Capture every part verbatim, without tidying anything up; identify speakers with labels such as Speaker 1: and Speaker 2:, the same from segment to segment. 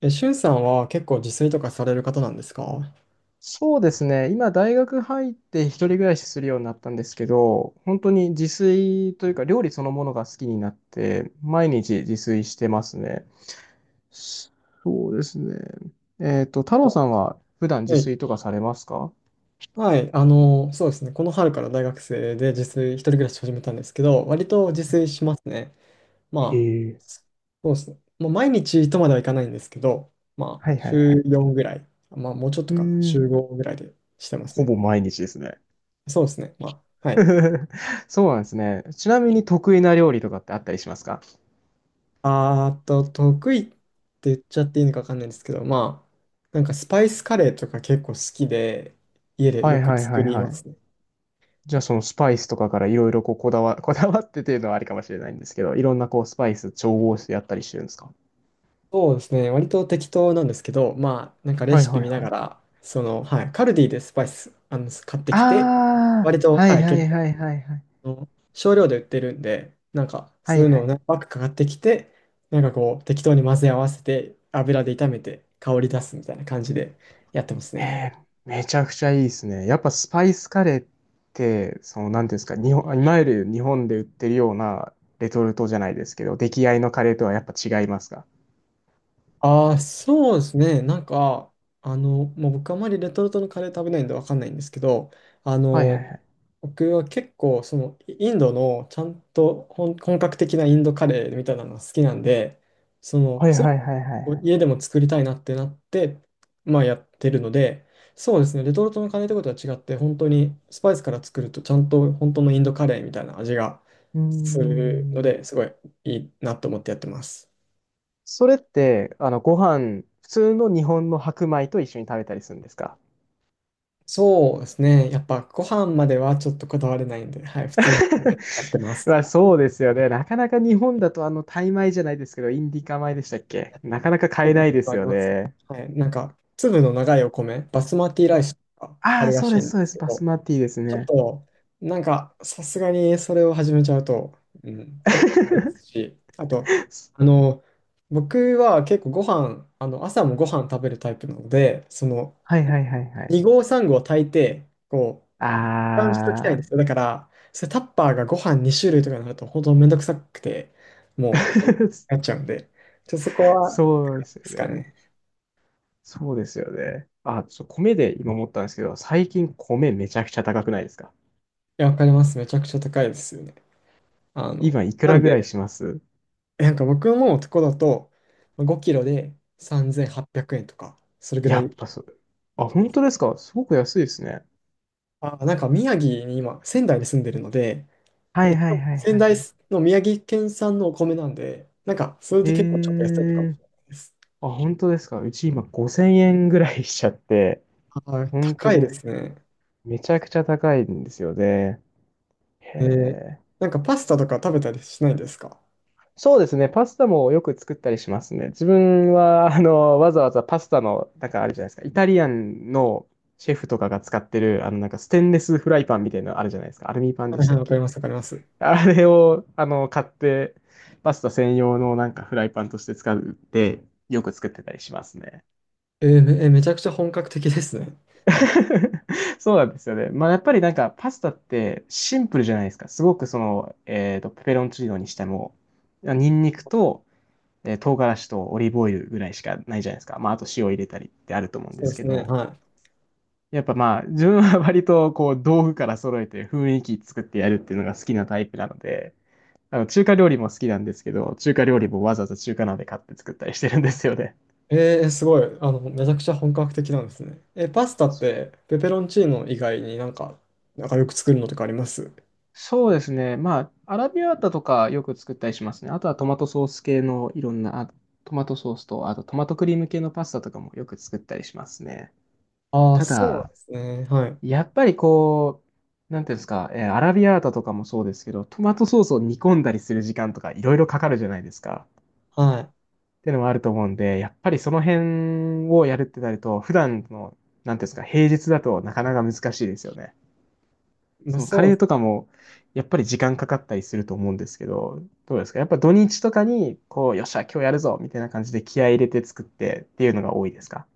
Speaker 1: え、しゅんさんは結構自炊とかされる方なんですか？
Speaker 2: そうですね。今、大学入って一人暮らしするようになったんですけど、本当に自炊というか料理そのものが好きになって、毎日自炊してますね。そうですね。えっと、太郎さんは普段自
Speaker 1: はい。
Speaker 2: 炊とかされますか？
Speaker 1: はい。あの、そうですね。この春から大学生で自炊、一人暮らし始めたんですけど、割と自炊しますね。
Speaker 2: え
Speaker 1: まあ、
Speaker 2: え、
Speaker 1: そうですね。もう毎日とまではいかないんですけど、まあ、
Speaker 2: はいはいは
Speaker 1: 週
Speaker 2: い。
Speaker 1: よんぐらい、まあ、もうちょっ
Speaker 2: う
Speaker 1: とかな、
Speaker 2: ーん、
Speaker 1: 週ごぐらいでしてます
Speaker 2: ほ
Speaker 1: ね。
Speaker 2: ぼ毎日ですね。
Speaker 1: そうですね。まあ、はい。
Speaker 2: そうなんですね。ちなみに得意な料理とかってあったりしますか？
Speaker 1: あーと、得意って言っちゃっていいのかわかんないんですけど、まあ、なんかスパイスカレーとか結構好きで、家で
Speaker 2: は
Speaker 1: よ
Speaker 2: い
Speaker 1: く
Speaker 2: はい
Speaker 1: 作
Speaker 2: はい
Speaker 1: り
Speaker 2: は
Speaker 1: ま
Speaker 2: い。
Speaker 1: すね。
Speaker 2: じゃあそのスパイスとかからいろいろこうこだわ、こだわってっていうのはありかもしれないんですけど、いろんなこうスパイス調合してやったりしてるんですか？
Speaker 1: そうですね。割と適当なんですけど、まあ、なんかレ
Speaker 2: はい
Speaker 1: シピ
Speaker 2: は
Speaker 1: 見
Speaker 2: い
Speaker 1: な
Speaker 2: は
Speaker 1: が
Speaker 2: い。
Speaker 1: ら、その、はい、カルディでスパイス、あの、買ってきて、
Speaker 2: あ
Speaker 1: 割
Speaker 2: あ、
Speaker 1: と、
Speaker 2: はい
Speaker 1: はい、
Speaker 2: は
Speaker 1: 結
Speaker 2: い
Speaker 1: 構
Speaker 2: はいはいはい。
Speaker 1: あの少量で売ってるんで、なんか
Speaker 2: は
Speaker 1: そう
Speaker 2: い
Speaker 1: いう
Speaker 2: は
Speaker 1: のを
Speaker 2: い。
Speaker 1: 何パックかかってきて、なんかこう適当に混ぜ合わせて油で炒めて香り出すみたいな感じでやってます
Speaker 2: へ
Speaker 1: ね。
Speaker 2: え、めちゃくちゃいいですね。やっぱスパイスカレーって、その、なんていうんですか、日本、いわゆる日本で売ってるようなレトルトじゃないですけど、出来合いのカレーとはやっぱ違いますか？
Speaker 1: ああ、そうですね。なんか、あの、もう僕あまりレトルトのカレー食べないんでわかんないんですけど、あ
Speaker 2: はいはいは
Speaker 1: の、
Speaker 2: い。
Speaker 1: 僕は結構そのインドのちゃんと本本格的なインドカレーみたいなのが好きなんで、その、
Speaker 2: はい
Speaker 1: そう
Speaker 2: はいはいはい
Speaker 1: こう
Speaker 2: はい。
Speaker 1: 家でも作りたいなってなって、まあやってるので、そうですね、レトルトのカレーってことは違って、本当にスパイスから作ると、ちゃんと本当のインドカレーみたいな味が
Speaker 2: うー
Speaker 1: するの
Speaker 2: ん。
Speaker 1: で、すごいいいなと思ってやってます。
Speaker 2: それって、あの、ご飯、普通の日本の白米と一緒に食べたりするんですか？
Speaker 1: そうですね、やっぱご飯まではちょっとこだわれないんで、はい、普通の米 でやってます。
Speaker 2: まあ、そうですよね。なかなか日本だと、あの、タイ米じゃないですけど、インディカ米でしたっけ？なかなか
Speaker 1: な
Speaker 2: 買
Speaker 1: ん
Speaker 2: え
Speaker 1: か
Speaker 2: な
Speaker 1: そ
Speaker 2: い
Speaker 1: ういう
Speaker 2: で
Speaker 1: のあ
Speaker 2: す
Speaker 1: り
Speaker 2: よ
Speaker 1: ます。
Speaker 2: ね。
Speaker 1: はい、なんか粒の長いお米、バスマティラ
Speaker 2: そ
Speaker 1: イ
Speaker 2: う
Speaker 1: スとかあ
Speaker 2: ああ、
Speaker 1: るら
Speaker 2: そう
Speaker 1: し
Speaker 2: で
Speaker 1: い
Speaker 2: す、
Speaker 1: んで
Speaker 2: そうで
Speaker 1: す
Speaker 2: す。
Speaker 1: け
Speaker 2: バス
Speaker 1: ど、
Speaker 2: マティです
Speaker 1: ちょっ
Speaker 2: ね。
Speaker 1: と、なんか、さすがにそれを始めちゃうと、うん、高いです し、あと、あの、僕は結構ご飯、あの、朝もご飯食べるタイプなので、その、
Speaker 2: はいはいはいはい。
Speaker 1: に合さん合炊いて、こう、
Speaker 2: あ
Speaker 1: 保管しときたいんですよ。だから、それタッパーがご飯に種類とかになると、本当めんどくさくて、
Speaker 2: あ、
Speaker 1: もう、なっちゃうんで、ちょっとそこは、で
Speaker 2: そうですよ
Speaker 1: すか
Speaker 2: ね。
Speaker 1: ね。
Speaker 2: そうですよね。あ、そう、米で今思ったんですけど、最近米めちゃくちゃ高くないですか？
Speaker 1: いや、わかります。めちゃくちゃ高いですよね。あの、
Speaker 2: 今いく
Speaker 1: な
Speaker 2: ら
Speaker 1: ん
Speaker 2: ぐらい
Speaker 1: で、
Speaker 2: します？
Speaker 1: なんか僕のとこだとまあごキロでさんぜんはっぴゃくえんとか、それぐら
Speaker 2: や
Speaker 1: い
Speaker 2: っ
Speaker 1: し
Speaker 2: ぱそう。あ、
Speaker 1: ま
Speaker 2: 本
Speaker 1: す。
Speaker 2: 当ですか？すごく安いですね。
Speaker 1: あ、なんか宮城に今、仙台に住んでるので、
Speaker 2: は
Speaker 1: で
Speaker 2: い
Speaker 1: し
Speaker 2: は
Speaker 1: か
Speaker 2: い
Speaker 1: も
Speaker 2: はい
Speaker 1: 仙
Speaker 2: はい
Speaker 1: 台
Speaker 2: はい。
Speaker 1: の宮城県産のお米なんで、なんかそれで結構ちょっ
Speaker 2: へ
Speaker 1: と安いのかも
Speaker 2: え。
Speaker 1: しれないです。
Speaker 2: あ、本当ですか？うち今ごせんえんぐらいしちゃって、
Speaker 1: はい、
Speaker 2: 本当
Speaker 1: 高いで
Speaker 2: に
Speaker 1: すね。
Speaker 2: めちゃくちゃ高いんですよね。へ
Speaker 1: えー
Speaker 2: え。
Speaker 1: なんかパスタとか食べたりしないですか？
Speaker 2: そうですね。パスタもよく作ったりしますね。自分は、あの、わざわざパスタの、なんかあるじゃないですか。イタリアンのシェフとかが使ってる、あの、なんかステンレスフライパンみたいなのあるじゃないですか。アルミパンで
Speaker 1: はい
Speaker 2: し
Speaker 1: は
Speaker 2: た
Speaker 1: い、
Speaker 2: っ
Speaker 1: わかり
Speaker 2: け？
Speaker 1: ます、わかります。
Speaker 2: あれを、あの、買って、パスタ専用のなんかフライパンとして使って、よく作ってたりしますね。
Speaker 1: えーめ、えーめちゃくちゃ本格的ですね。
Speaker 2: そうなんですよね。まあ、やっぱりなんか、パスタってシンプルじゃないですか。すごくその、えっと、ペペロンチーノにしても、ニンニクと、えー唐辛子とオリーブオイルぐらいしかないじゃないですか。まあ、あと塩入れたりってあると思うんで
Speaker 1: そう
Speaker 2: す
Speaker 1: で
Speaker 2: け
Speaker 1: すね、
Speaker 2: ど、
Speaker 1: はい。
Speaker 2: やっぱまあ、自分は割とこう、道具から揃えて雰囲気作ってやるっていうのが好きなタイプなので、あの、中華料理も好きなんですけど、中華料理もわざわざ中華鍋買って作ったりしてるんですよね。
Speaker 1: えー、すごい。あの、めちゃくちゃ本格的なんですね。え、パスタっ
Speaker 2: そ
Speaker 1: て、ペペロンチーノ以外になんか、なんかよく作るのとかあります？
Speaker 2: そうですね。まあ、アラビアータとかよく作ったりしますね。あとはトマトソース系のいろんな、あトマトソースと、あとトマトクリーム系のパスタとかもよく作ったりしますね。
Speaker 1: ああー、
Speaker 2: た
Speaker 1: そう
Speaker 2: だ、
Speaker 1: ですね。はい。
Speaker 2: やっぱりこう、なんていうんですか、えーアラビアータとかもそうですけど、トマトソースを煮込んだりする時間とかいろいろかかるじゃないですか。
Speaker 1: は
Speaker 2: っていうのもあると思うんで、やっぱりその辺をやるってなると、普段の、なんていうんですか、平日だとなかなか難しいですよね。
Speaker 1: い。まあ、
Speaker 2: そのカ
Speaker 1: そう、
Speaker 2: レーとかも、やっぱり時間かかったりすると思うんですけど、どうですか？やっぱ土日とかに、こう、よっしゃ、今日やるぞみたいな感じで気合い入れて作ってっていうのが多いですか？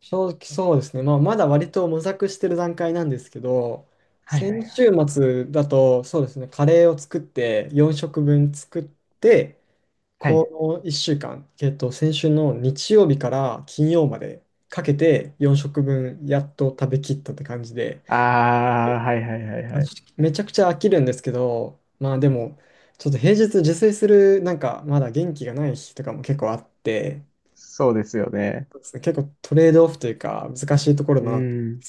Speaker 1: 正直そうですね。まあ、まだ割と模索してる段階なんですけど、
Speaker 2: はいはいは
Speaker 1: 先
Speaker 2: い。
Speaker 1: 週末だと、そうですね、カレーを作って、よん食分作って、
Speaker 2: はい。
Speaker 1: このいっしゅうかん、えっと、先週の日曜日から金曜までかけて、よん食分やっと食べきったって感じで、
Speaker 2: ああ、はいはいはいはい。
Speaker 1: めちゃくちゃ飽きるんですけど、まあでも、ちょっと平日自炊する、なんかまだ元気がない日とかも結構あって、
Speaker 2: そうですよね。
Speaker 1: そうですね、結構トレードオフというか難しいところ
Speaker 2: う
Speaker 1: だなって。
Speaker 2: ん。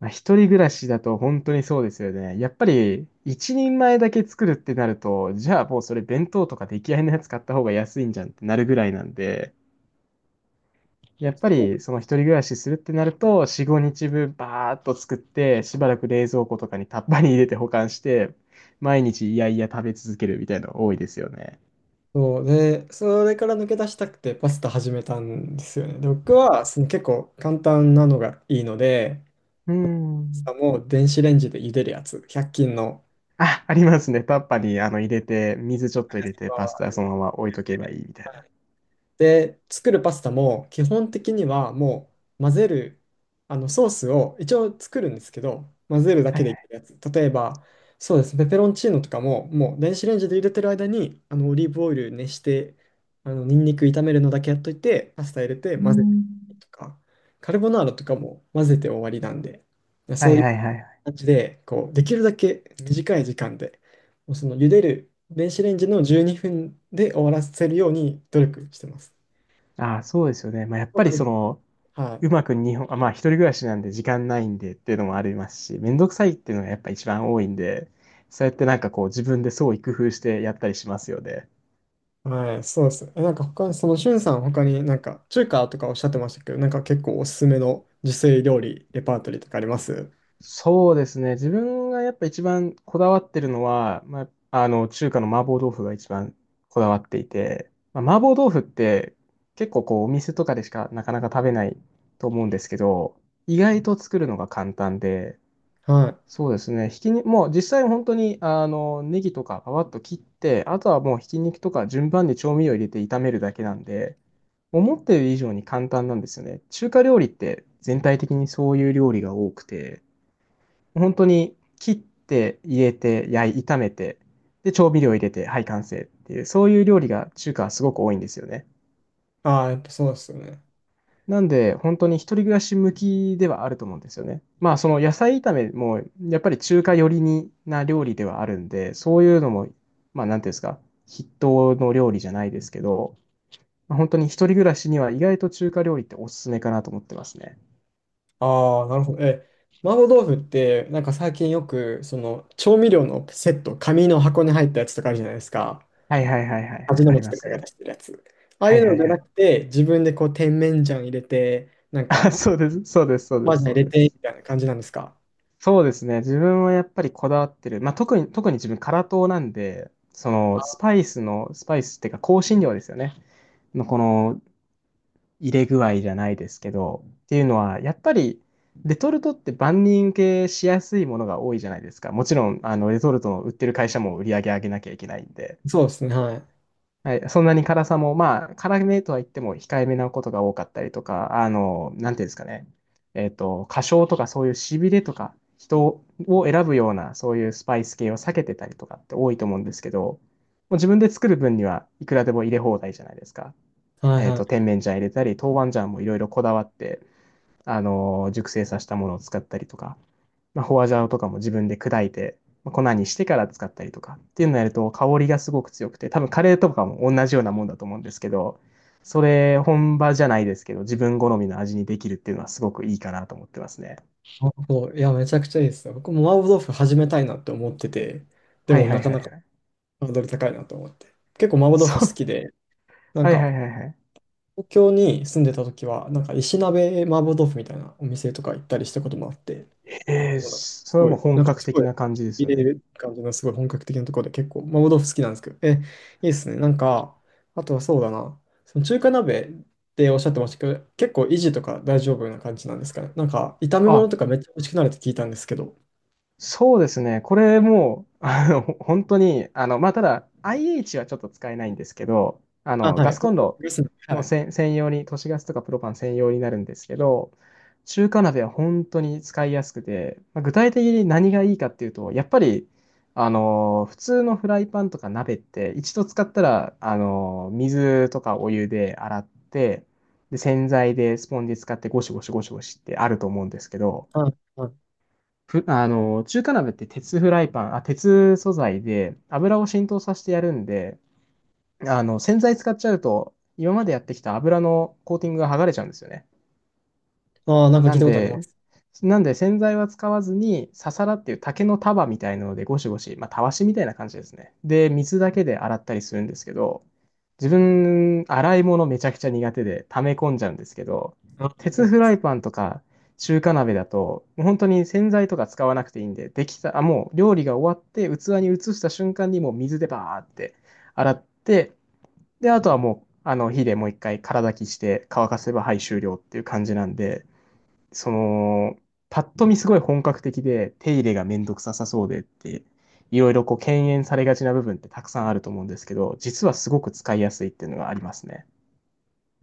Speaker 2: まあ、一人暮らしだと本当にそうですよね。やっぱり一人前だけ作るってなると、じゃあもうそれ弁当とか出来合いのやつ買った方が安いんじゃんってなるぐらいなんで、やっぱりその一人暮らしするってなると、よん、ごにちぶんバーッと作って、しばらく冷蔵庫とかにタッパーに入れて保管して、毎日いやいや食べ続けるみたいなの多いですよね。
Speaker 1: そうで、それから抜け出したくてパスタ始めたんですよね。で、僕はその結構簡単なのがいいので、
Speaker 2: うー
Speaker 1: パスタ
Speaker 2: ん。
Speaker 1: も電子レンジで茹でるやつ、ひゃっ均の。
Speaker 2: あ、ありますね。タッパーにあの入れて、水ちょっと入れて、パスタそのまま置いとけばいいみたいな。
Speaker 1: で、作るパスタも基本的にはもう混ぜる、あのソースを一応作るんですけど、混ぜるだ
Speaker 2: は
Speaker 1: け
Speaker 2: いは
Speaker 1: でいけ
Speaker 2: い。
Speaker 1: るやつ。例えば、そうですね、ペペロンチーノとかも、もう電子レンジで入れてる間に、あのオリーブオイル熱して、あのニンニク炒めるのだけやっといて、パスタ入れて
Speaker 2: うー
Speaker 1: 混ぜて
Speaker 2: ん。
Speaker 1: とか、カルボナーラとかも混ぜて終わりなんで、いやそ
Speaker 2: は
Speaker 1: う
Speaker 2: い
Speaker 1: いう
Speaker 2: はいはい。
Speaker 1: 感じで、こう、できるだけ短い時間で、もうその茹でる電子レンジのじゅうにふんで終わらせるように努力してます。
Speaker 2: ああ、そうですよね。まあ、やっ
Speaker 1: そ
Speaker 2: ぱ
Speaker 1: う
Speaker 2: り
Speaker 1: です。
Speaker 2: その、
Speaker 1: はい。
Speaker 2: うまく日本、あ、まあ、一人暮らしなんで時間ないんでっていうのもありますし、めんどくさいっていうのがやっぱ一番多いんで、そうやってなんかこう自分で創意工夫してやったりしますよね。
Speaker 1: はい、そうですね。え、なんか他、そのしゅんさん、他になんか中華とかおっしゃってましたけど、なんか結構おすすめの自炊料理、レパートリーとかあります？
Speaker 2: そうですね。自分がやっぱ一番こだわってるのは、まあ、あの、中華の麻婆豆腐が一番こだわっていて、まあ、麻婆豆腐って結構こうお店とかでしかなかなか食べないと思うんですけど、意外と作るのが簡単で、
Speaker 1: はい。
Speaker 2: そうですね。ひきに、もう実際本当に、あの、ネギとかパパッと切って、あとはもうひき肉とか順番に調味料入れて炒めるだけなんで、思ってる以上に簡単なんですよね。中華料理って全体的にそういう料理が多くて、本当に切って入れて焼い、炒めて、で、調味料入れて、はい、完成っていう、そういう料理が中華はすごく多いんですよね。
Speaker 1: ああ、やっぱそうですよね。
Speaker 2: なんで、本当に一人暮らし向きではあると思うんですよね。まあ、その野菜炒めも、やっぱり中華寄りにな料理ではあるんで、そういうのも、まあ、なんていうんですか、筆頭の料理じゃないですけど、まあ本当に一人暮らしには意外と中華料理っておすすめかなと思ってますね。
Speaker 1: ああ、なるほど。え、麻婆豆腐って、なんか最近よく、その調味料のセット、紙の箱に入ったやつとかあるじゃないですか。
Speaker 2: はいはいはいはいは
Speaker 1: 味
Speaker 2: い、あ
Speaker 1: の
Speaker 2: り
Speaker 1: 素
Speaker 2: ま
Speaker 1: と
Speaker 2: す
Speaker 1: かが出
Speaker 2: ね。
Speaker 1: してるやつ。ああ
Speaker 2: は
Speaker 1: い
Speaker 2: い
Speaker 1: う
Speaker 2: は
Speaker 1: のじ
Speaker 2: い
Speaker 1: ゃ
Speaker 2: は
Speaker 1: な
Speaker 2: い。
Speaker 1: くて、自分でこう、甜麺醤入れて、なん
Speaker 2: あ、
Speaker 1: か、
Speaker 2: そうです、そうです、そう
Speaker 1: 麻
Speaker 2: です、
Speaker 1: 醤
Speaker 2: そ
Speaker 1: 入れ
Speaker 2: うで
Speaker 1: て、み
Speaker 2: す。
Speaker 1: たいな感じなんですか？
Speaker 2: そうですね。自分はやっぱりこだわってる。まあ、特に、特に自分、辛党なんで、その、スパイスの、スパイスっていうか、香辛料ですよね。のこの入れ具合じゃないですけど、っていうのは、やっぱりレトルトって万人受けしやすいものが多いじゃないですか。もちろん、あの、レトルトの売ってる会社も売り上げ上げなきゃいけないんで、
Speaker 1: そうですね、はい。
Speaker 2: はい、そんなに辛さも、まあ、辛めとは言っても控えめなことが多かったりとか、あの、なんていうんですかね、えっと、過小とかそういうしびれとか、人を選ぶような、そういうスパイス系を避けてたりとかって多いと思うんですけど、もう自分で作る分にはいくらでも入れ放題じゃないですか。
Speaker 1: はい
Speaker 2: えっ
Speaker 1: は
Speaker 2: と、
Speaker 1: い。
Speaker 2: 甜麺醤入れたり、豆板醤もいろいろこだわって、あのー熟成させたものを使ったりとか、まあ、ホワジャオとかも自分で砕いて、まあ粉にしてから使ったりとかっていうのをやると香りがすごく強くて、多分カレーとかも同じようなもんだと思うんですけど、それ本場じゃないですけど、自分好みの味にできるっていうのはすごくいいかなと思ってますね。
Speaker 1: 麻婆いや、めちゃくちゃいいですよ。僕も麻婆豆腐始めたいなって思ってて、で
Speaker 2: はい
Speaker 1: も
Speaker 2: は
Speaker 1: な
Speaker 2: い
Speaker 1: か
Speaker 2: はい
Speaker 1: なか
Speaker 2: はい。
Speaker 1: ハードル高いなと思って。結構麻婆豆
Speaker 2: そ
Speaker 1: 腐好
Speaker 2: う。
Speaker 1: きで、なん
Speaker 2: はいはい
Speaker 1: か、
Speaker 2: はいはい。
Speaker 1: 東京に住んでた時は、なんか石鍋麻婆豆腐みたいなお店とか行ったりしたこともあって、
Speaker 2: えー、
Speaker 1: そうなんです、す
Speaker 2: それは
Speaker 1: ごい、
Speaker 2: もう
Speaker 1: な
Speaker 2: 本
Speaker 1: んか
Speaker 2: 格
Speaker 1: すご
Speaker 2: 的
Speaker 1: い、
Speaker 2: な感じです
Speaker 1: 入
Speaker 2: よ
Speaker 1: れ
Speaker 2: ね。
Speaker 1: る感じのすごい本格的なところで結構麻婆豆腐好きなんですけど、え、いいですね。なんか、あとはそうだな、その中華鍋っておっしゃってましたけど、結構維持とか大丈夫な感じなんですかね。なんか、炒め
Speaker 2: あ、
Speaker 1: 物とかめっちゃ美味しくなるって聞いたんですけど、
Speaker 2: そうですね。これもう、あの、本当に、あの、まあ、ただ、アイエイチ はちょっと使えないんですけど、あ
Speaker 1: あ、
Speaker 2: の、
Speaker 1: は
Speaker 2: ガ
Speaker 1: い。
Speaker 2: スコン
Speaker 1: 僕は
Speaker 2: ロ
Speaker 1: グスの、は
Speaker 2: の
Speaker 1: い。
Speaker 2: せん専用に、都市ガスとかプロパン専用になるんですけど、中華鍋は本当に使いやすくて、まあ具体的に何がいいかっていうと、やっぱり、あの、普通のフライパンとか鍋って、一度使ったら、あの、水とかお湯で洗って、で、洗剤でスポンジ使ってゴシゴシゴシゴシってあると思うんですけど、
Speaker 1: はい。はい。
Speaker 2: ふ、あの、中華鍋って鉄フライパン、あ、鉄素材で油を浸透させてやるんで、あの、洗剤使っちゃうと、今までやってきた油のコーティングが剥がれちゃうんですよね。
Speaker 1: ああ、なんか
Speaker 2: な
Speaker 1: 聞い
Speaker 2: ん
Speaker 1: たことありま
Speaker 2: で、
Speaker 1: す。
Speaker 2: なんで洗剤は使わずに、ササラっていう竹の束みたいなのでゴシゴシ、まあ、たわしみたいな感じですね。で、水だけで洗ったりするんですけど、自分、洗い物めちゃくちゃ苦手で溜め込んじゃうんですけど、
Speaker 1: あ、わか
Speaker 2: 鉄
Speaker 1: り
Speaker 2: フ
Speaker 1: ま
Speaker 2: ラ
Speaker 1: す。
Speaker 2: イパンとか中華鍋だと、もう本当に洗剤とか使わなくていいんで、できた、あ、もう料理が終わって器に移した瞬間にもう水でバーって洗って、で、あとはもう、あの、火でもう一回空炊きして乾かせば、はい、終了っていう感じなんで、その、パッと見すごい本格的で、手入れがめんどくささそうでって、いろいろこう、敬遠されがちな部分ってたくさんあると思うんですけど、実はすごく使いやすいっていうのがありますね。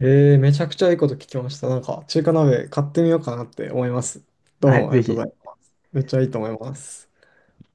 Speaker 1: えー、めちゃくちゃいいこと聞きました。なんか、中華鍋買ってみようかなって思います。どう
Speaker 2: は
Speaker 1: も
Speaker 2: い、
Speaker 1: あり
Speaker 2: ぜ
Speaker 1: がとうご
Speaker 2: ひ。
Speaker 1: ざいます。めっちゃいいと思います。